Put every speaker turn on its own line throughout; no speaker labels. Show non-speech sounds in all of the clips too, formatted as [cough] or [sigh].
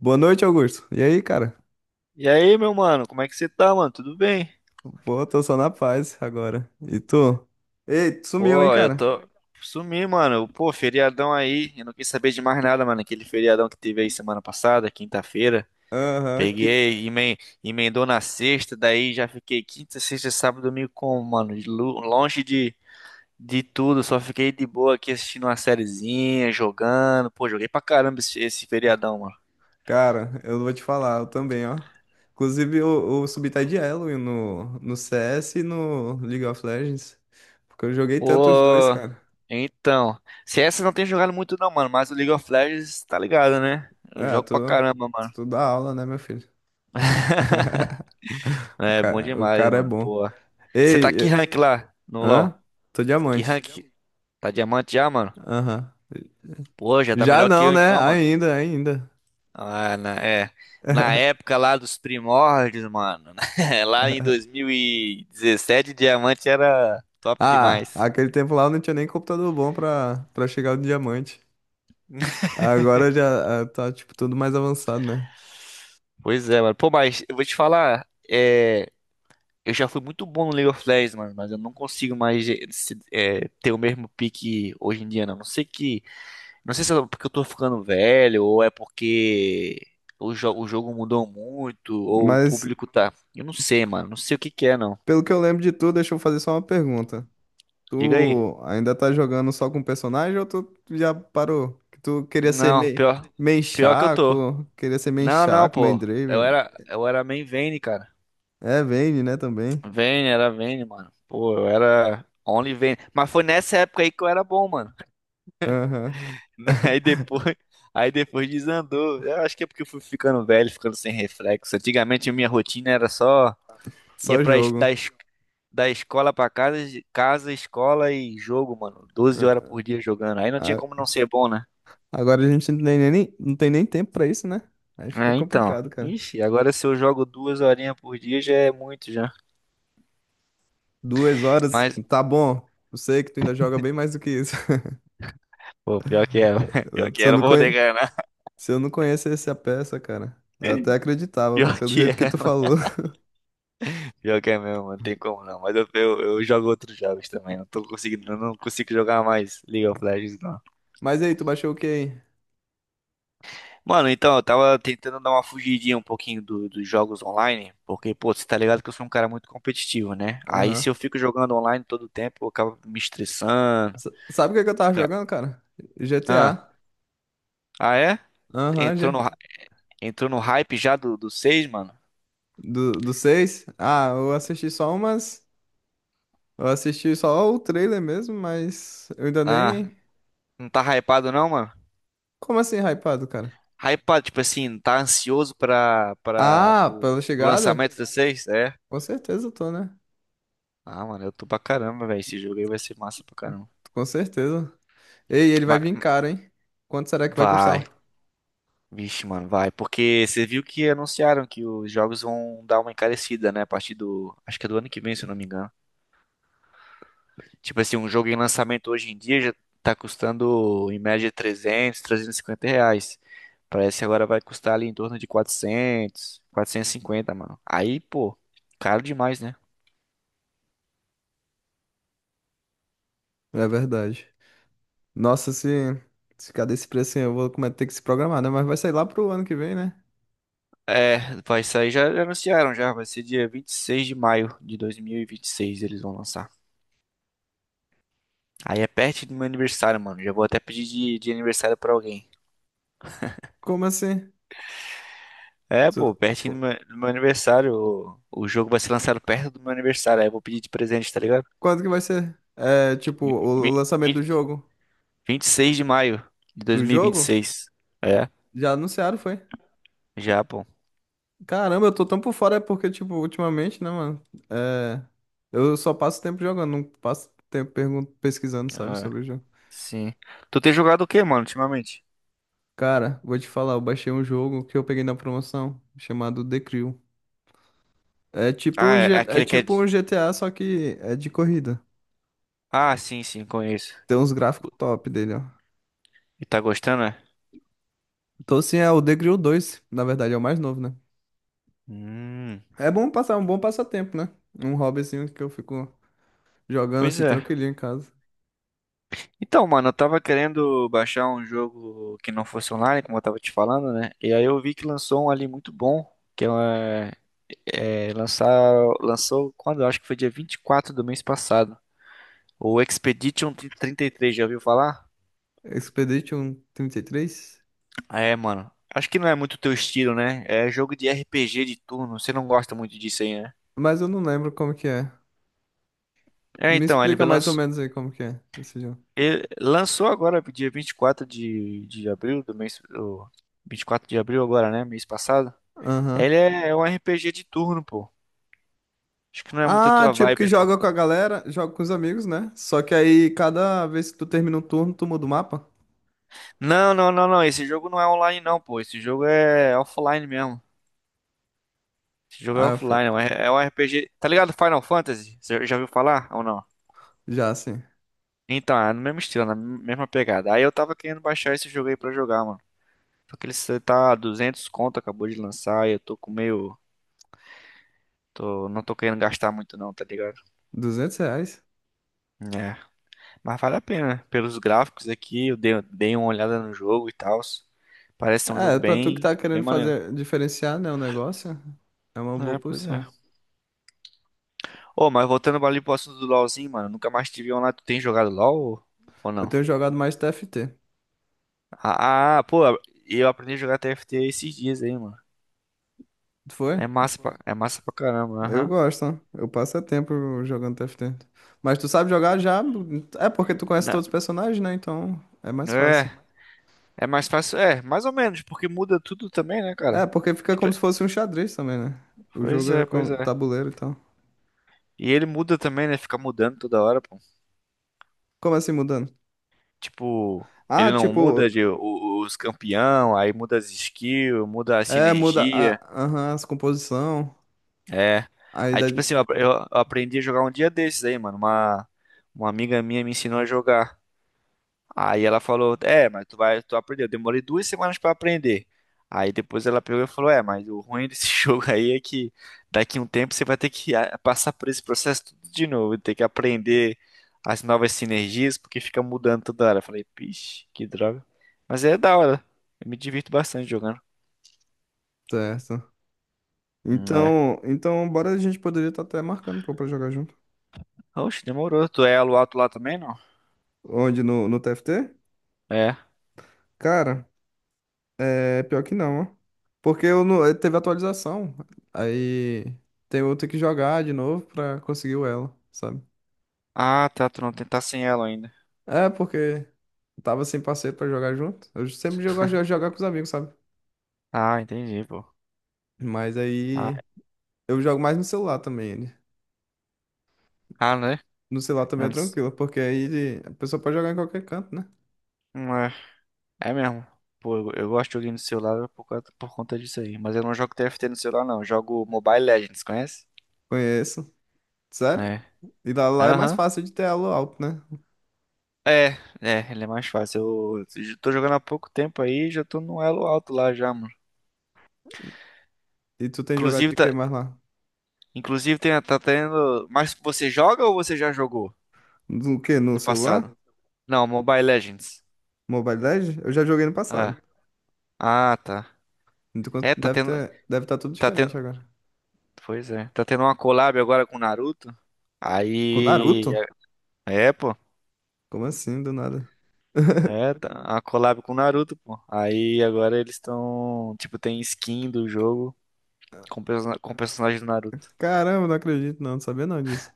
Boa noite, Augusto. E aí, cara?
E aí, meu mano, como é que você tá, mano? Tudo bem?
Pô, tô só na paz agora. E tu? Ei, tu sumiu, hein,
Pô, eu
cara?
tô. Sumi, mano. Pô, feriadão aí. Eu não quis saber de mais nada, mano. Aquele feriadão que teve aí semana passada, quinta-feira.
Aham, que.
Peguei, emendou na sexta, daí já fiquei quinta, sexta, sábado, domingo com mano? Longe de tudo, só fiquei de boa aqui assistindo uma sériezinha, jogando. Pô, joguei pra caramba esse feriadão, mano.
Cara, eu vou te falar, eu também, ó. Inclusive, eu subi tá de elo no CS e no League of Legends. Porque eu joguei tanto os dois,
Pô,
cara.
então. CS eu não tem jogado muito, não, mano, mas o League of Legends, tá ligado, né? Eu
Ah,
jogo pra
tô.
caramba, mano.
Tu dá aula, né, meu filho? [laughs]
É, bom
O
demais,
cara é
mano.
bom.
Pô. Você tá
Ei,
que rank lá no
hã?
LoL?
Tô
Que
diamante.
rank? Tá diamante já, mano?
Aham.
Pô, já tá
Já
melhor que
não,
eu
né?
então, mano.
Ainda, ainda.
Ah, na, é. Na
[laughs]
época lá dos primórdios, mano. [laughs] Lá em 2017, diamante era top
Ah,
demais.
aquele tempo lá eu não tinha nem computador bom pra chegar no diamante. Agora já ah, tá, tipo, tudo mais avançado, né?
Pois é, mano. Pô, mas eu vou te falar, eu já fui muito bom no League of Legends, mano, mas eu não consigo mais ter o mesmo pique hoje em dia, não. Não sei que Não sei se é porque eu tô ficando velho, ou é porque o jogo mudou muito, ou o
Mas,
público tá. Eu não sei, mano. Não sei o que que é, não.
pelo que eu lembro de tu, deixa eu fazer só uma pergunta.
Diga aí.
Tu ainda tá jogando só com personagem ou tu já parou? Que tu queria ser
Não,
meio,
pior,
meio
pior que eu tô.
Shaco, queria ser meio
Não, não,
Shaco, meio
pô. Eu
Draven.
era, eu era main Vayne, cara.
É, Vayne, né, também.
Vayne, era Vayne, mano. Pô, eu era only Vayne. Mas foi nessa época aí que eu era bom, mano.
Aham.
[laughs] Aí
[laughs]
depois, aí depois desandou. Eu acho que é porque eu fui ficando velho, ficando sem reflexo. Antigamente minha rotina era só ia
Só
para
jogo.
da escola pra casa, de casa, escola e jogo, mano. 12 horas
Ah,
por dia jogando. Aí não tinha
ah,
como não ser bom, né?
agora a gente não tem nem, não tem nem tempo pra isso, né? Aí fica
É, então.
complicado, cara.
Ixi, agora se eu jogo duas horinhas por dia já é muito já.
Duas horas,
Mas,
tá bom. Eu sei que tu ainda joga bem mais do que isso. [laughs]
pô, pior que é. [laughs] Pior que
Se
é,
eu
não
não
vou negar, não.
se eu não conhecesse a peça, cara, eu até
[laughs]
acreditava,
Pior
pelo
que
jeito que
é.
tu falou. [laughs]
Pior que é mesmo, não tem como não. Mas eu jogo outros jogos também. Não tô conseguindo, eu não consigo jogar mais League of Legends, não.
Mas e aí, tu baixou o que aí?
Mano, então, eu tava tentando dar uma fugidinha um pouquinho dos jogos online, porque, pô, você tá ligado que eu sou um cara muito competitivo, né? Aí se
Aham.
eu fico jogando online todo o tempo, eu acabo me estressando.
Sabe o que é que eu tava
Ca-
jogando, cara?
Ah,
GTA.
ah é?
Aham,
Entrou no, hy- entrou no hype já do 6, mano?
do, do seis. Ah, eu assisti só umas. Eu assisti só o trailer mesmo, mas eu ainda
Ah,
nem.
não tá hypado não, mano?
Como assim, hypado, cara?
Hypado, tipo assim, tá ansioso pra, pra,
Ah,
pro,
pela
pro
chegada?
lançamento do 6, é?
Com certeza eu tô, né?
Ah, mano, eu tô pra caramba, velho. Esse jogo aí vai ser massa pra caramba.
Com certeza. Ei, ele vai
Mas
vir caro, hein? Quanto será que vai custar?
vai. Vixe, mano, vai. Porque você viu que anunciaram que os jogos vão dar uma encarecida, né? A partir do. Acho que é do ano que vem, se eu não me engano. Tipo assim, um jogo em lançamento hoje em dia já tá custando em média R$ 300, R$ 350. Parece que agora vai custar ali em torno de 400, 450, mano. Aí, pô, caro demais, né?
É verdade. Nossa, se ficar desse preço assim, eu vou ter que se programar, né? Mas vai sair lá pro ano que vem, né?
É, vai sair, já já anunciaram já. Vai ser dia 26 de maio de dois mil e vinte e seis, eles vão lançar. Aí é perto do meu aniversário, mano. Já vou até pedir de aniversário pra alguém.
Como assim?
É,
So-
pô, pertinho
qu-
do meu aniversário. O jogo vai ser lançado perto do meu aniversário. Aí eu vou pedir de presente, tá ligado?
Quando que vai ser? É, tipo,
Vi-
o
vi-
lançamento do
vi-
jogo?
26 de maio de dois
Do
mil e vinte e
jogo?
seis. É,
Já anunciaram, foi?
já, pô.
Caramba, eu tô tão por fora é porque, tipo, ultimamente, né, mano? É, eu só passo tempo jogando, não passo tempo pesquisando, sabe,
Ah,
sobre o jogo.
sim. Tu tem jogado o que, mano, ultimamente?
Cara, vou te falar, eu baixei um jogo que eu peguei na promoção, chamado The Crew. É tipo
Ah,
um
é, é
É
aquele que é.
tipo um GTA, só que é de corrida.
Ah, sim, sim, conheço.
Tem uns gráficos top dele, ó.
E tá gostando, é?
Então, sim, é o The Grill 2, na verdade, é o mais novo, né?
Hum,
É bom passar um bom passatempo, né? Um hobbyzinho que eu fico jogando
pois
assim
é.
tranquilinho em casa.
Então, mano, eu tava querendo baixar um jogo que não fosse online, como eu tava te falando, né? E aí eu vi que lançou um ali muito bom, que é É, lançar, lançou quando? Eu acho que foi dia 24 do mês passado. O Expedition 33 já ouviu falar?
Expedition 33,
É, mano. Acho que não é muito teu estilo, né? É jogo de RPG de turno. Você não gosta muito disso aí, né?
mas eu não lembro como que é.
É,
Me
então, ele
explica mais ou
lançou,
menos aí como que é esse jogo.
ele lançou agora, dia 24 de abril do mês. 24 de abril agora, né? Mês passado.
Aham.
Ele é um RPG de turno, pô. Acho que não é muito a
Ah,
tua
tipo que
vibe, não.
joga com a galera, joga com os amigos, né? Só que aí cada vez que tu termina um turno, tu muda o mapa.
Não, não, não, não. Esse jogo não é online, não, pô. Esse jogo é offline mesmo. Esse jogo é
Ah,
offline, é um RPG. Tá ligado Final Fantasy? Você já ouviu falar ou não?
já assim,
Então, é no mesmo estilo, na mesma pegada. Aí eu tava querendo baixar esse jogo aí pra jogar, mano. Só que ele cê tá 200 conto, acabou de lançar, e eu tô com meio. Tô, não tô querendo gastar muito não, tá ligado?
R$ 200?
É. Mas vale a pena, né? Pelos gráficos aqui, eu dei uma olhada no jogo e tal. Parece ser um jogo
É, pra tu que
bem,
tá
bem
querendo
maneiro.
fazer diferenciar, né, o negócio, é uma boa
É, pois é.
posição.
Ô, mas voltando ali pro assunto do LoLzinho, mano, nunca mais tive online. Tu tem jogado LoL ou
Eu
não?
tenho jogado mais TFT.
Ah, pô, eu aprendi a jogar TFT esses dias aí, mano.
Tu foi?
É massa pra caramba,
Eu
aham.
gosto, ó. Eu passo é tempo jogando TFT. Mas tu sabe jogar já? É porque tu conhece
Na-
todos os personagens, né? Então é mais
É,
fácil.
é mais fácil, é, mais ou menos, porque muda tudo também, né,
É,
cara?
porque fica
Tipo,
como se fosse um xadrez também, né? O jogo
pois
é
é, pois
com
é.
tabuleiro e tal.
E ele muda também, né? Fica mudando toda hora, pô.
Como assim mudando?
Tipo, ele
Ah,
não muda
tipo,
os campeão, aí muda as skills, muda a
é, muda
sinergia.
a, aham, as composição.
É.
Aí
Aí, tipo
dá-
assim, eu aprendi a jogar um dia desses aí, mano. Uma amiga minha me ensinou a jogar. Aí ela falou, é, mas tu vai, tu aprendeu. Eu demorei 2 semanas pra aprender. Aí depois ela pegou e falou, é, mas o ruim desse [laughs] jogo aí é que daqui a um tempo você vai ter que passar por esse processo tudo de novo, ter que aprender as novas sinergias, porque fica mudando toda hora. Eu falei, pixe, que droga. Mas é da hora. Eu me divirto bastante jogando.
Certo.
É.
Então, então, bora, a gente poderia estar até marcando pô, pra jogar junto.
Oxe, demorou. Tu é elo alto lá também, não?
Onde? No TFT?
É.
Cara, é pior que não, ó. Porque eu não, teve atualização. Aí tem eu ter que jogar de novo pra conseguir o elo, sabe?
Ah, tá, tu não tem- tá sem ela ainda.
É, porque tava sem parceiro pra jogar junto. Eu sempre jogo, gosto de jogar com os amigos, sabe?
Ah, entendi, pô.
Mas
Ah,
aí eu jogo mais no celular também, ele.
ah, né?
No celular também é tranquilo, porque aí a pessoa pode jogar em qualquer canto, né?
Não, é mesmo. Pô, eu gosto de joguinho no celular por conta disso aí. Mas eu não jogo TFT no celular, não. Eu jogo Mobile Legends, conhece?
Conheço. Sério?
É.
E lá, lá é mais
Aham.
fácil de ter elo alto, né?
É, é, ele é mais fácil. Eu tô jogando há pouco tempo aí, já tô no elo alto lá já, mano.
E tu tem jogado
Inclusive,
de que
tá,
mais lá?
inclusive tem, tá tendo. Mas você joga ou você já jogou
Do que? No
no
celular?
passado? Não, Mobile Legends.
Mobile Legends? Eu já joguei no passado.
Ah, ah, tá.
Então quanto-
É, tá
deve
tendo.
ter, deve estar tudo
Tá
diferente
tendo.
agora.
Pois é. Tá tendo uma collab agora com o Naruto.
Com
Aí.
Naruto?
É, pô.
Como assim, do nada? [laughs]
É, a collab com o Naruto, pô. Aí agora eles estão. Tipo, tem skin do jogo com personagem do Naruto.
Caramba, não acredito não, não sabia não disso.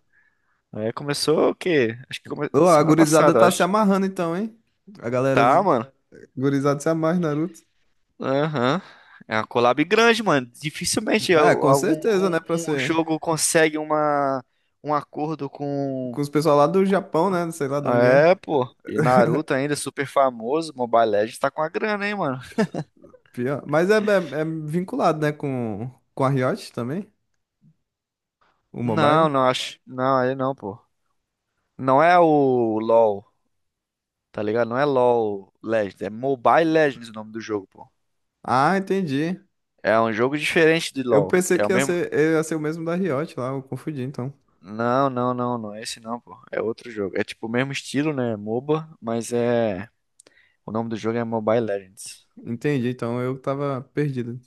É, começou o quê? Acho que
Ô, a
semana
gurizada
passada, eu
tá se
acho.
amarrando então, hein? A galera
Tá,
z-
mano.
gurizada se amarra em Naruto.
Aham. É uma collab grande, mano. Dificilmente
É,
al-
com
algum
certeza, né? Pra
um
ser.
jogo consegue uma, um acordo com.
Com os pessoal lá do Japão, né? Não sei lá de onde é.
É, pô. E Naruto
[laughs]
ainda, super famoso. Mobile Legends tá com a grana, hein, mano.
Pior. Mas é, é vinculado, né? Com a Riot também, o
Não,
mobile.
não acho. Não, ele não, pô. Não é o LoL. Tá ligado? Não é LoL Legends, é Mobile Legends o nome do jogo, pô.
Ah, entendi.
É um jogo diferente de
Eu
LoL.
pensei
É o
que
mesmo.
ia ser o mesmo da Riot lá, eu confundi, então.
Não, não, não, não é esse não, pô. É outro jogo. É tipo o mesmo estilo, né? É MOBA, mas é. O nome do jogo é Mobile Legends.
Entendi, então eu tava perdido.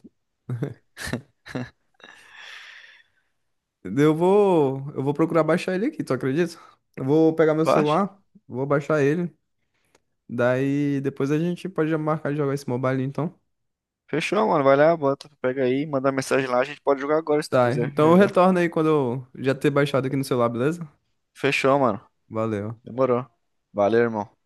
Eu vou procurar baixar ele aqui, tu acredita? Eu vou pegar meu
Baixa.
celular, vou baixar ele. Daí depois a gente pode já marcar de jogar esse mobile, então.
Fechou, mano. Vai lá, bota, pega aí, manda mensagem lá. A gente pode jogar agora se tu
Tá,
quiser,
então
já
eu
já.
retorno aí quando eu já ter baixado aqui no celular, beleza?
Fechou, mano.
Valeu.
Demorou. Valeu, irmão.